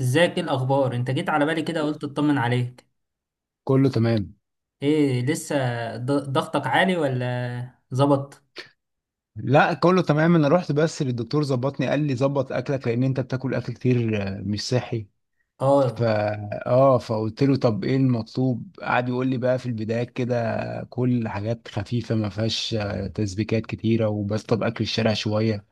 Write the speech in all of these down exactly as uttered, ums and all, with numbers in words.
ازيك؟ ايه الاخبار؟ انت جيت على بالي كده، قلت اطمن عليك. كله تمام. ايه لسه ض- ضغطك عالي ولا ظبط؟ لا كله تمام. انا رحت بس للدكتور، ظبطني، قال لي ظبط اكلك لان انت بتاكل اكل كتير آه، مش صحي. اه. فا اه فقلت له طب ايه المطلوب؟ قعد يقول لي بقى في البداية كده كل حاجات خفيفة ما فيهاش آه، تسبيكات كتيرة، وبس طب اكل الشارع شوية.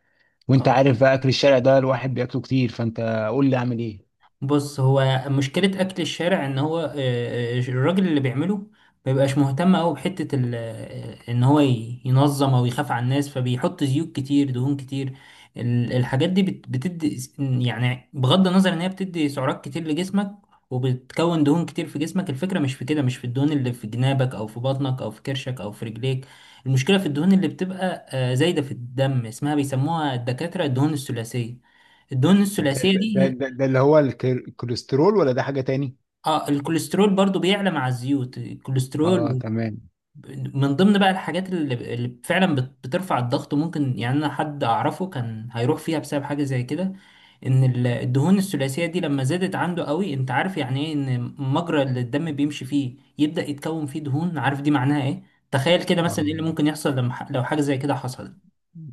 وانت اه، عارف بقى اكل الشارع ده الواحد بياكله كتير، فانت قول لي اعمل ايه؟ بص، هو مشكلة أكل الشارع إن هو آه، آه، الراجل اللي بيعمله ما بيبقاش مهتم أوي بحتة ال- آه، إن هو ي- ينظم أو يخاف على الناس، فبيحط زيوت كتير، دهون كتير. ال- الحاجات دي بت- بتدي س- يعني بغض النظر إن هي بتدي سعرات كتير لجسمك، وبتكون دهون كتير في جسمك. الفكرة مش في كده، مش في الدهون اللي في جنابك أو في بطنك أو في كرشك أو في رجليك. المشكلة في الدهون اللي بتبقى آه، زايدة في الدم، اسمها بيسموها الدكاترة الدهون الثلاثية. الدهون ده الثلاثية ده دي، ده, ده اللي هو الكر- الكوليسترول، ولا ده حاجة تاني؟ اه الكوليسترول برضو بيعلى مع الزيوت، اه الكوليسترول. تمام. من ضمن بقى الحاجات اللي, اللي فعلا بت- بترفع الضغط، ممكن يعني انا حد اعرفه كان هيروح فيها بسبب حاجة زي كده. ان ال- الدهون الثلاثية دي لما زادت عنده قوي، انت عارف يعني ايه ان مجرى اللي الدم بيمشي فيه يبدأ يتكون فيه دهون؟ عارف دي معناها ايه؟ تخيل كده اه، مثلا ايه اللي ممكن يحصل لما ح- لو حاجة زي كده حصلت.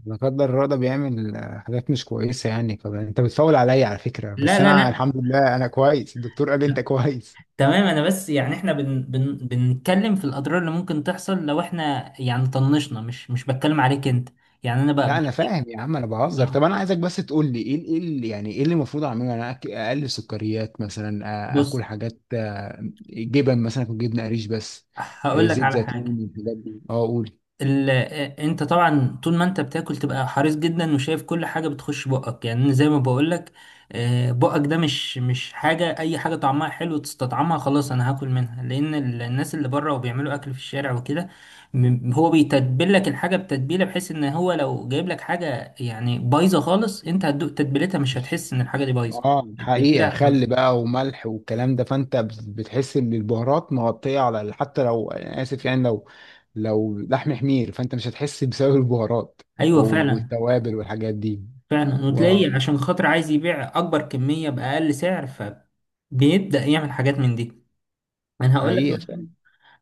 لا قدر الله، ده بيعمل آه، حاجات مش كويسة يعني، فأنت بتفاول عليا على فكرة، لا بس لا أنا لا، الحمد لله أنا كويس، الدكتور قال لي أنت كويس. تمام، انا بس يعني احنا بن بن بنتكلم في الاضرار اللي ممكن تحصل لو احنا يعني طنشنا، مش مش بتكلم عليك انت. يعني انا لا بقى، أنا فاهم يا عم، أنا بهزر. طب أنا عايزك بس تقول لي إيه إيه اللي، يعني إيه اللي المفروض أعمله؟ أنا أك- أقلل سكريات مثلا، آ- بص، آكل حاجات آه، جبن مثلا، أكل جبنة قريش بس، آه، هقول لك زيت على حاجة. زيتون، الحاجات دي؟ أه قول. ال... آه، انت طبعا طول ما انت بتاكل تبقى حريص جدا وشايف كل حاجه بتخش بقك، يعني زي ما بقولك، آه، بقك ده مش مش حاجه اي حاجه طعمها حلو تستطعمها خلاص انا هاكل منها، لان ال- الناس اللي بره وبيعملوا اكل في الشارع وكده، م- هو بيتبل لك الحاجه بتتبيله بحيث ان هو لو جايب لك حاجه يعني بايظه خالص، انت هتدوق تتبيلتها مش هتحس ان الحاجه دي بايظه. اه التتبيله حقيقة، هتبقى خل بقى وملح والكلام ده، فانت ب- بتحس ان البهارات مغطية على ال- حتى لو انا اسف يعني، لو لو لحم حمير فانت مش هتحس بسبب البهارات ايوه وال- فعلا. والتوابل والحاجات دي. فعلا، و- وتلاقي عشان خاطر عايز يبيع اكبر كميه باقل سعر، ف بيبدأ يعمل حاجات من دي. انا هقول لك حقيقة مثلا، فعلا.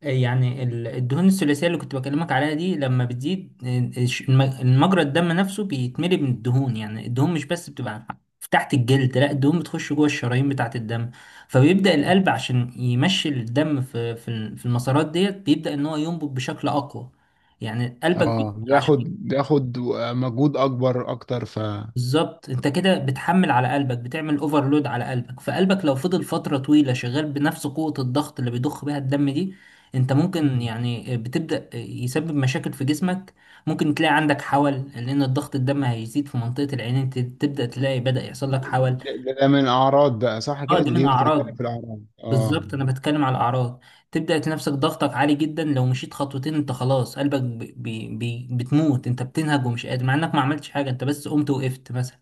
آه، يعني ال- الدهون الثلاثيه اللي كنت بكلمك عليها دي لما بتزيد، آه، الش- الم- المجرى الدم نفسه بيتملي من الدهون، يعني الدهون مش بس بتبقى في تحت الجلد، لا، الدهون بتخش جوه الشرايين بتاعه الدم. فبيبدا القلب عشان يمشي الدم في في ال- في المسارات ديت، بيبدا ان هو ينبض بشكل اقوى. يعني قلبك بي- اه، بياخد عشان بياخد مجهود اكبر اكتر ف بالظبط. انت كده بتحمل على قلبك، بتعمل اوفرلود على قلبك، فقلبك لو فضل فترة طويلة شغال بنفس قوة الضغط اللي بيضخ بيها الدم دي، انت ممكن يعني بتبدأ يسبب مشاكل في جسمك. ممكن تلاقي عندك حول لان الضغط الدم هيزيد في منطقة العينين، ت- تبدأ تلاقي بدأ يحصل لك حول. ده, ده ده من اعراض بقى صح اه كده، دي دي, من دي انت بتتكلم اعراض. في الاعراض، اه؟ بالظبط، انا بتكلم على الاعراض. تبدأ تنفسك ضغطك عالي جدا، لو مشيت خطوتين انت خلاص قلبك بي بي بي- بتموت، انت بتنهج ومش قادر مع انك ما عملتش حاجة، انت بس قمت وقفت مثلا.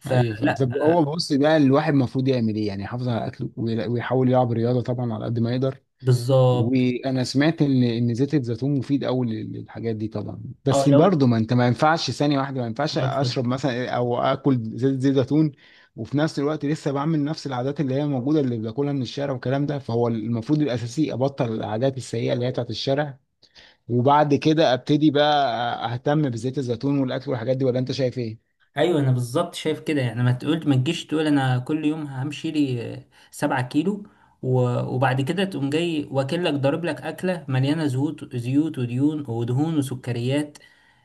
ف ايوه فعلا. طب هو بص بقى، الواحد المفروض يعمل ايه يعني؟ يحافظ على اكله، ويلا- ويحاول يلعب رياضه طبعا على قد ما يقدر. بالظبط. وانا سمعت ان ان زيت الزيتون مفيد قوي لل- للحاجات دي طبعا، اه بس لو انت برضه ما انت ما ينفعش ثانيه واحده، ما ينفعش آه، اتفضل. اشرب مثلا او اكل زيت زيت زيتون، وفي نفس الوقت لسه بعمل نفس العادات اللي هي موجوده اللي باكلها من الشارع والكلام ده، فهو المفروض الاساسي ابطل العادات السيئه اللي هي بتاعت الشارع، وبعد كده ابتدي بقى اهتم بزيت الزيتون والاكل والحاجات دي، ولا انت شايف ايه؟ ايوه انا بالظبط شايف كده، يعني ما تقول ما تجيش تقول انا كل يوم همشي لي آه، سبعة كيلو، و- وبعد كده تقوم جاي واكلك ضارب لك اكله مليانه زيوت زيوت وديون ودهون وسكريات،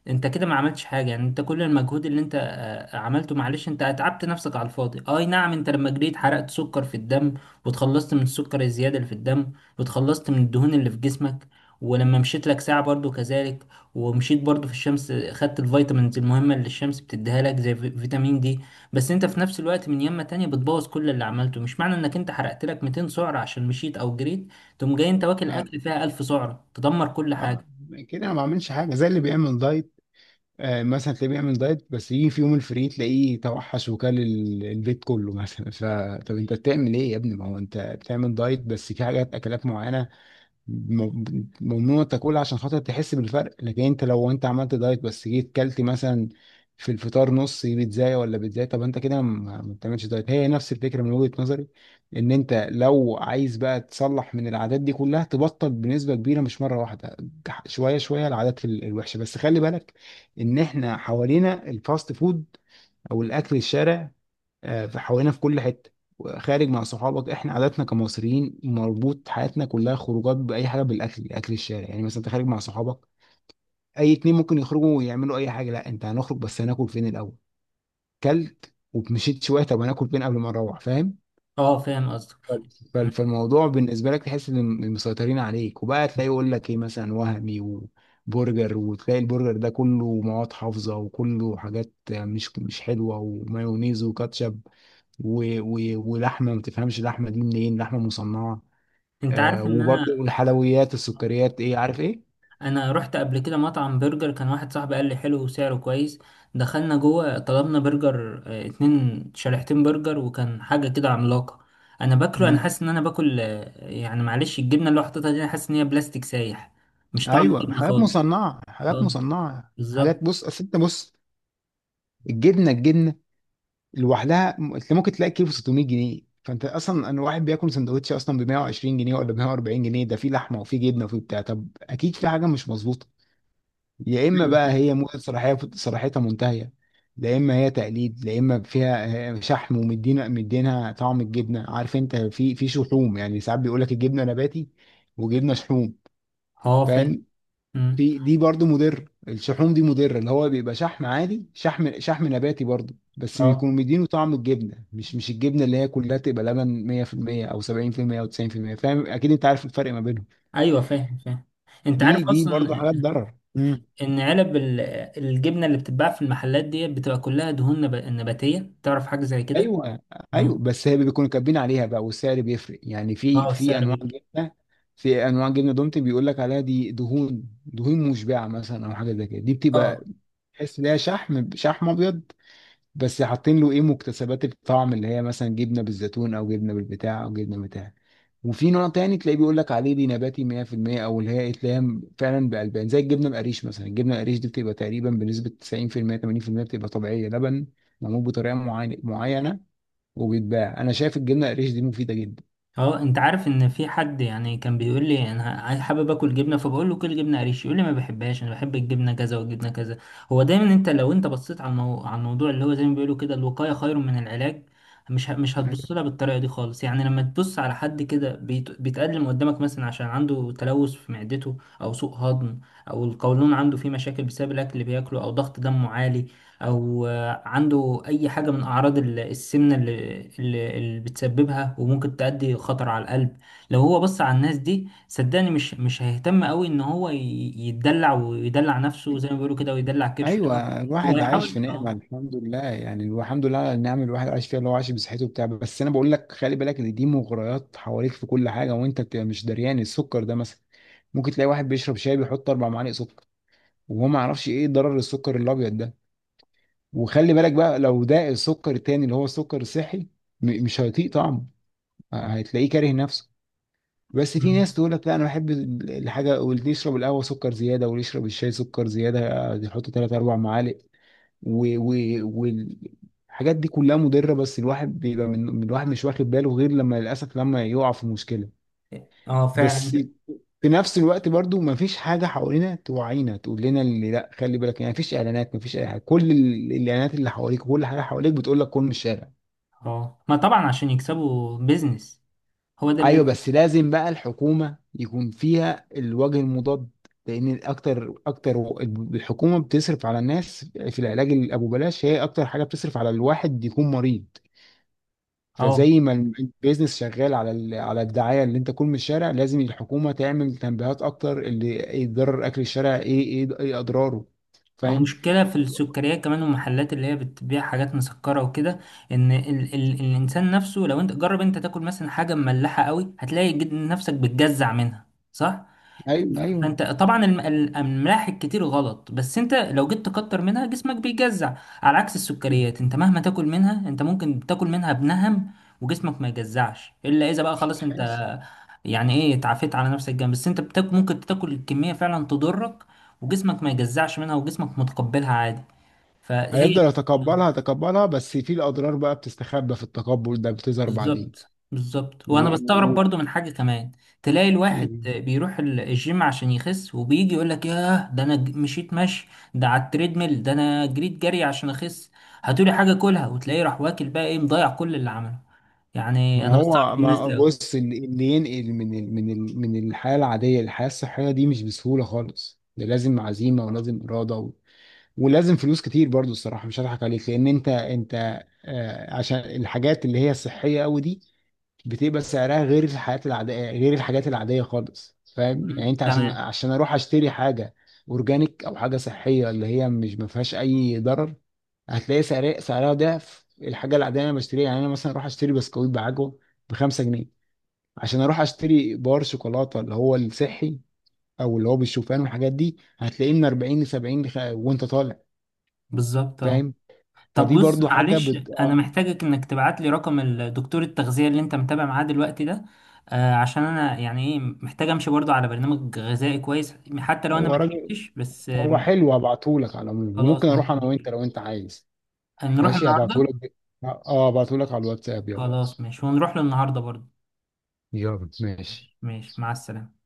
انت كده ما عملتش حاجه. يعني انت كل المجهود اللي انت آه، عملته معلش، انت اتعبت نفسك على الفاضي. آه، اي نعم انت لما جريت حرقت سكر في الدم، وتخلصت من السكر الزياده اللي في الدم، وتخلصت من الدهون اللي في جسمك، ولما مشيت لك ساعه برضو كذلك، ومشيت برضو في الشمس خدت الفيتامينز المهمة اللي الشمس بتديها لك زي في- فيتامين دي. بس انت في نفس الوقت من يمة تانية بتبوظ كل اللي عملته. مش معنى انك انت حرقت لك مئتين سعرة عشان مشيت او جريت تقوم جاي انت واكل آه، اكل فيها ألف سعرة تدمر كل آه، حاجة. كده انا ما بعملش حاجه زي اللي بيعمل دايت. آه، مثلا تلاقيه بيعمل دايت، بس يجي في يوم الفري تلاقيه توحش وكل ال- البيت كله مثلا فطب انت بتعمل ايه يا ابني؟ ما هو انت بتعمل دايت بس في حاجات اكلات معينه م- ممنوع تاكلها عشان خاطر تحس بالفرق، لكن انت لو انت عملت دايت بس جيت كلت مثلا في الفطار نص بيتزاية ولا بيتزاية، طب انت كده ما ما بتعملش دايت. هي نفس الفكرة من وجهة نظري، ان انت لو عايز بقى تصلح من العادات دي كلها، تبطل بنسبة كبيرة مش مرة واحدة، ج- شوية شوية العادات ال- الوحشة. بس خلي بالك ان احنا حوالينا الفاست فود او الاكل الشارع آه، في حوالينا في كل حته. خارج مع صحابك، احنا عاداتنا كمصريين مربوط حياتنا كلها خروجات باي حاجه بالاكل، اكل الشارع. يعني مثلا انت خارج مع صحابك، اي اتنين ممكن يخرجوا ويعملوا اي حاجه، لا انت هنخرج بس هناكل فين الاول؟ كلت ومشيت شويه، طب هناكل فين قبل ما نروح؟ فاهم؟ اه فاهم قصدك. ف- فالموضوع بالنسبه لك، تحس ان مسيطرين عليك، وبقى تلاقي يقول لك ايه مثلا، وهمي وبرجر، وتلاقي البرجر ده كله مواد حافظه، وكله حاجات مش مش حلوه، ومايونيز وكاتشب و... و... ولحمه ما تفهمش اللحمه دي منين، لحمه مصنعه، انت آه، عارف ان انا، وبرضه الحلويات، السكريات، ايه عارف ايه. انا رحت قبل كده مطعم برجر، كان واحد صاحبي قال لي حلو وسعره كويس. دخلنا جوه طلبنا برجر، آه، اتنين شريحتين برجر، وكان حاجة كده عملاقة. انا باكله انا امم حاسس ان انا باكل آه، يعني معلش الجبنة اللي هو حاططها دي انا حاسس ان هي بلاستيك سايح، مش طعم ايوه، الجبنة حاجات خالص. مصنعه، حاجات اه مصنعه، بالظبط. حاجات. بص، اصل انت بص الجبنه، الجبنه لوحدها م- انت ممكن تلاقي كيلو ستمائة جنيه. فانت اصلا، انا واحد بياكل سندوتش اصلا ب مية وعشرين جنيه ولا ب مائة واربعين جنيه، ده فيه لحمه وفيه جبنه وفيه بتاع، طب اكيد في حاجه مش مظبوطه. يا اما أيوة. بقى هي موجة صلاحيه صلاحيتها منتهيه، لا اما هي تقليد، لا اما فيها آه، شحم، ومدينا مدينها طعم الجبنه. عارف انت، في في شحوم يعني، ساعات بيقول لك الجبنه نباتي وجبنه شحوم. اه فاهم. فاهم. أمم. في دي برضو مضر، الشحوم دي مضره، اللي هو بيبقى شحم عادي، شحم شحم نباتي برضو، بس اه بيكون مدينه طعم الجبنه، مش مش الجبنه اللي هي كلها تبقى لبن مية في المية او سبعين في المية او تسعين في المية. فاهم، اكيد انت عارف الفرق ما بينهم. ايوه فاهم فاهم. انت دي عارف دي اصلا برضو حاجات ضرر. مم. ان علب ال- الجبنة اللي بتتباع في المحلات دي بتبقى كلها دهون نب- نباتية، تعرف حاجة زي كده؟ ايوه، اه. ايوه، بس هي بيكونوا كاتبين عليها بقى والسعر بيفرق يعني، في اه في السعر انواع بيبقى جبنه، في انواع جبنه دومتي بيقول لك عليها دي دهون، دهون مشبعه مثلا، او حاجه زي كده دي اه. بتبقى تحس ان هي شحم، شحم ابيض، بس حاطين له ايه، مكتسبات الطعم اللي هي مثلا جبنه بالزيتون او جبنه بالبتاع او جبنه بتاع. وفي نوع تاني تلاقيه بيقول لك عليه دي نباتي مية في المية، او اللي هي إيه، تلاقيها فعلا بالبان زي الجبنه القريش مثلا، الجبنه القريش دي بتبقى تقريبا بنسبه تسعين في المية تمانين في المية، بتبقى طبيعيه لبن، معمول بطريقه معينه معينه. وبيتباع. انا شايف الجبنه القريش دي مفيده جدا. اه، انت عارف ان في حد يعني كان بيقول لي انا عايز- حابب اكل جبنه، فبقول له كل جبنه قريش، يقول لي ما بحبهاش، انا بحب الجبنه كذا والجبنه كذا. هو دايما انت لو انت بصيت على المو... على الموضوع اللي هو زي ما بيقولوا كده الوقايه خير من العلاج، مش ه... مش هتبص لها بالطريقه دي خالص. يعني لما تبص على حد كده بيت... بيتقدم قدامك مثلا عشان عنده تلوث في معدته او سوء هضم، او القولون عنده فيه مشاكل بسبب الاكل اللي بياكله، او ضغط دمه عالي، او عنده أي حاجة من أعراض ال- السمنة اللي, اللي, اللي بتسببها وممكن تؤدي خطر على القلب. لو هو بص على الناس دي صدقني مش مش هيهتم قوي إن هو ي- يتدلع ويدلع نفسه زي ما بيقولوا كده ويدلع كرشه، لا. ايوه هو الواحد عايش في يحاول نعمه اه. الحمد لله، يعني الحمد لله على النعم اللي الواحد عايش فيها، اللي هو عايش بصحته وبتاع، بس انا بقول لك خلي بالك ان دي مغريات حواليك في كل حاجه، وانت بتبقى مش دريان. السكر ده مثلا، ممكن تلاقي واحد بيشرب شاي بيحط اربع معالق سكر، وهو ما يعرفش ايه ضرر السكر الابيض ده. وخلي بالك بقى، لو ده السكر التاني اللي هو سكر صحي، م- مش هيطيق طعمه، هتلاقيه كاره نفسه. بس في مم. ناس تقول لك لا انا بحب الحاجه، واللي يشرب القهوه سكر زياده، واللي يشرب الشاي سكر زياده، يحط ثلاث اربع معالق، و- و- والحاجات دي كلها مضره، بس الواحد بيبقى من من- الواحد مش واخد باله، غير لما للاسف، لما يقع في مشكله. اه بس فعلا. في نفس الوقت برضو ما فيش حاجه حوالينا توعينا تقول لنا اللي لا خلي بالك يعني، ما فيش اعلانات، ما فيش اي حاجه، كل ال- الاعلانات اللي حواليك، كل حاجه حواليك بتقول لك كل من الشارع. اه ما طبعا عشان يكسبوا بيزنس، هو ده ايوه البيزنس. بس لازم بقى الحكومه يكون فيها الوجه المضاد، لان اكتر اكتر و- الحكومه بتصرف على الناس في العلاج اللي ابو بلاش، هي اكتر حاجه بتصرف على الواحد يكون مريض. اه فزي ما ال- البيزنس شغال على ال- على الدعايه اللي انت تكون من الشارع، لازم الحكومه تعمل تنبيهات اكتر، اللي يضرر اكل الشارع ايه، ايه ايه اضراره. أو فاهم؟ مشكلة في السكريات كمان والمحلات اللي هي بتبيع حاجات مسكرة وكده. إن ال ال الإنسان نفسه، لو أنت جرب أنت تاكل مثلا حاجة مملحة قوي هتلاقي جد- نفسك بتجزع منها، صح؟ ايوه ايوه. فانت طبعا الم- الاملاح الكتير غلط، بس انت لو جيت تكتر منها جسمك بيجزع. على عكس السكريات، انت مهما تاكل منها، انت ممكن تاكل منها بنهم وجسمك ما يجزعش الا اذا بقى مش خلاص انت هتحاسب، يعني ايه اتعافيت على نفسك جامد، بس انت بتاك ممكن تاكل الكمية فعلا تضرك، وجسمك ما يجزعش منها، وجسمك متقبلها عادي. فهي هيفضل دي. يتقبلها يتقبلها، بس في الاضرار بقى بتستخبى في التقبل ده، بتظهر بالظبط بالظبط. وانا بستغرب بعدين. برضو من حاجه كمان، تلاقي الواحد بيروح ال- الجيم عشان يخس، وبيجي يقول لك ياه ده انا ج- مشيت مشي ده على التريدميل، ده انا جريت جري عشان اخس هاتولي حاجه كلها، وتلاقيه راح واكل بقى، ايه مضيع كل اللي عمله. يعني ما انا بستغرب هو، من الناس ما دي قوي. بص، اللي اللي ينقل من ال من ال من الحياة العادية للحياة الصحية دي مش بسهولة خالص، ده لازم عزيمة ولازم إرادة و... ولازم فلوس كتير برضو الصراحة، مش هضحك عليك، لأن أنت أنت آه عشان الحاجات اللي هي الصحية أوي دي بتبقى سعرها غير الحاجات العادية، غير الحاجات العادية خالص. فاهم يعني، أنت عشان تمام عشان أروح أشتري حاجة أورجانيك أو حاجة صحية اللي هي مش ما فيهاش أي ضرر، هتلاقي سعر- سعرها ضعف الحاجه العاديه اللي انا بشتريها. يعني انا مثلا اروح اشتري بسكويت بعجوه ب خمسة جنيه، عشان اروح اشتري بار شوكولاته اللي هو الصحي او اللي هو بالشوفان والحاجات دي، هتلاقيه من اربعين ل سبعين لخ- وانت طالع. بالظبط اه. فاهم؟ طب فدي بص برضو حاجه معلش، بت... انا آه. محتاجك انك تبعت لي رقم الدكتور التغذية اللي انت متابع معاه دلوقتي ده. آه، عشان انا يعني ايه محتاج امشي برضو على برنامج غذائي كويس حتى لو انا هو ما راجل، تعبتش بس هو آم، حلو، هبعتهولك. على العموم ممكن خلاص اروح مفيش انا مشكلة، وانت لو انت عايز. نروح ماشي النهاردة. هبعتهولك ب- اه هبعتهولك على الواتساب. يلا، خلاص ماشي، ونروح له النهاردة برضو. يلا ماشي. ماشي، مع السلامة.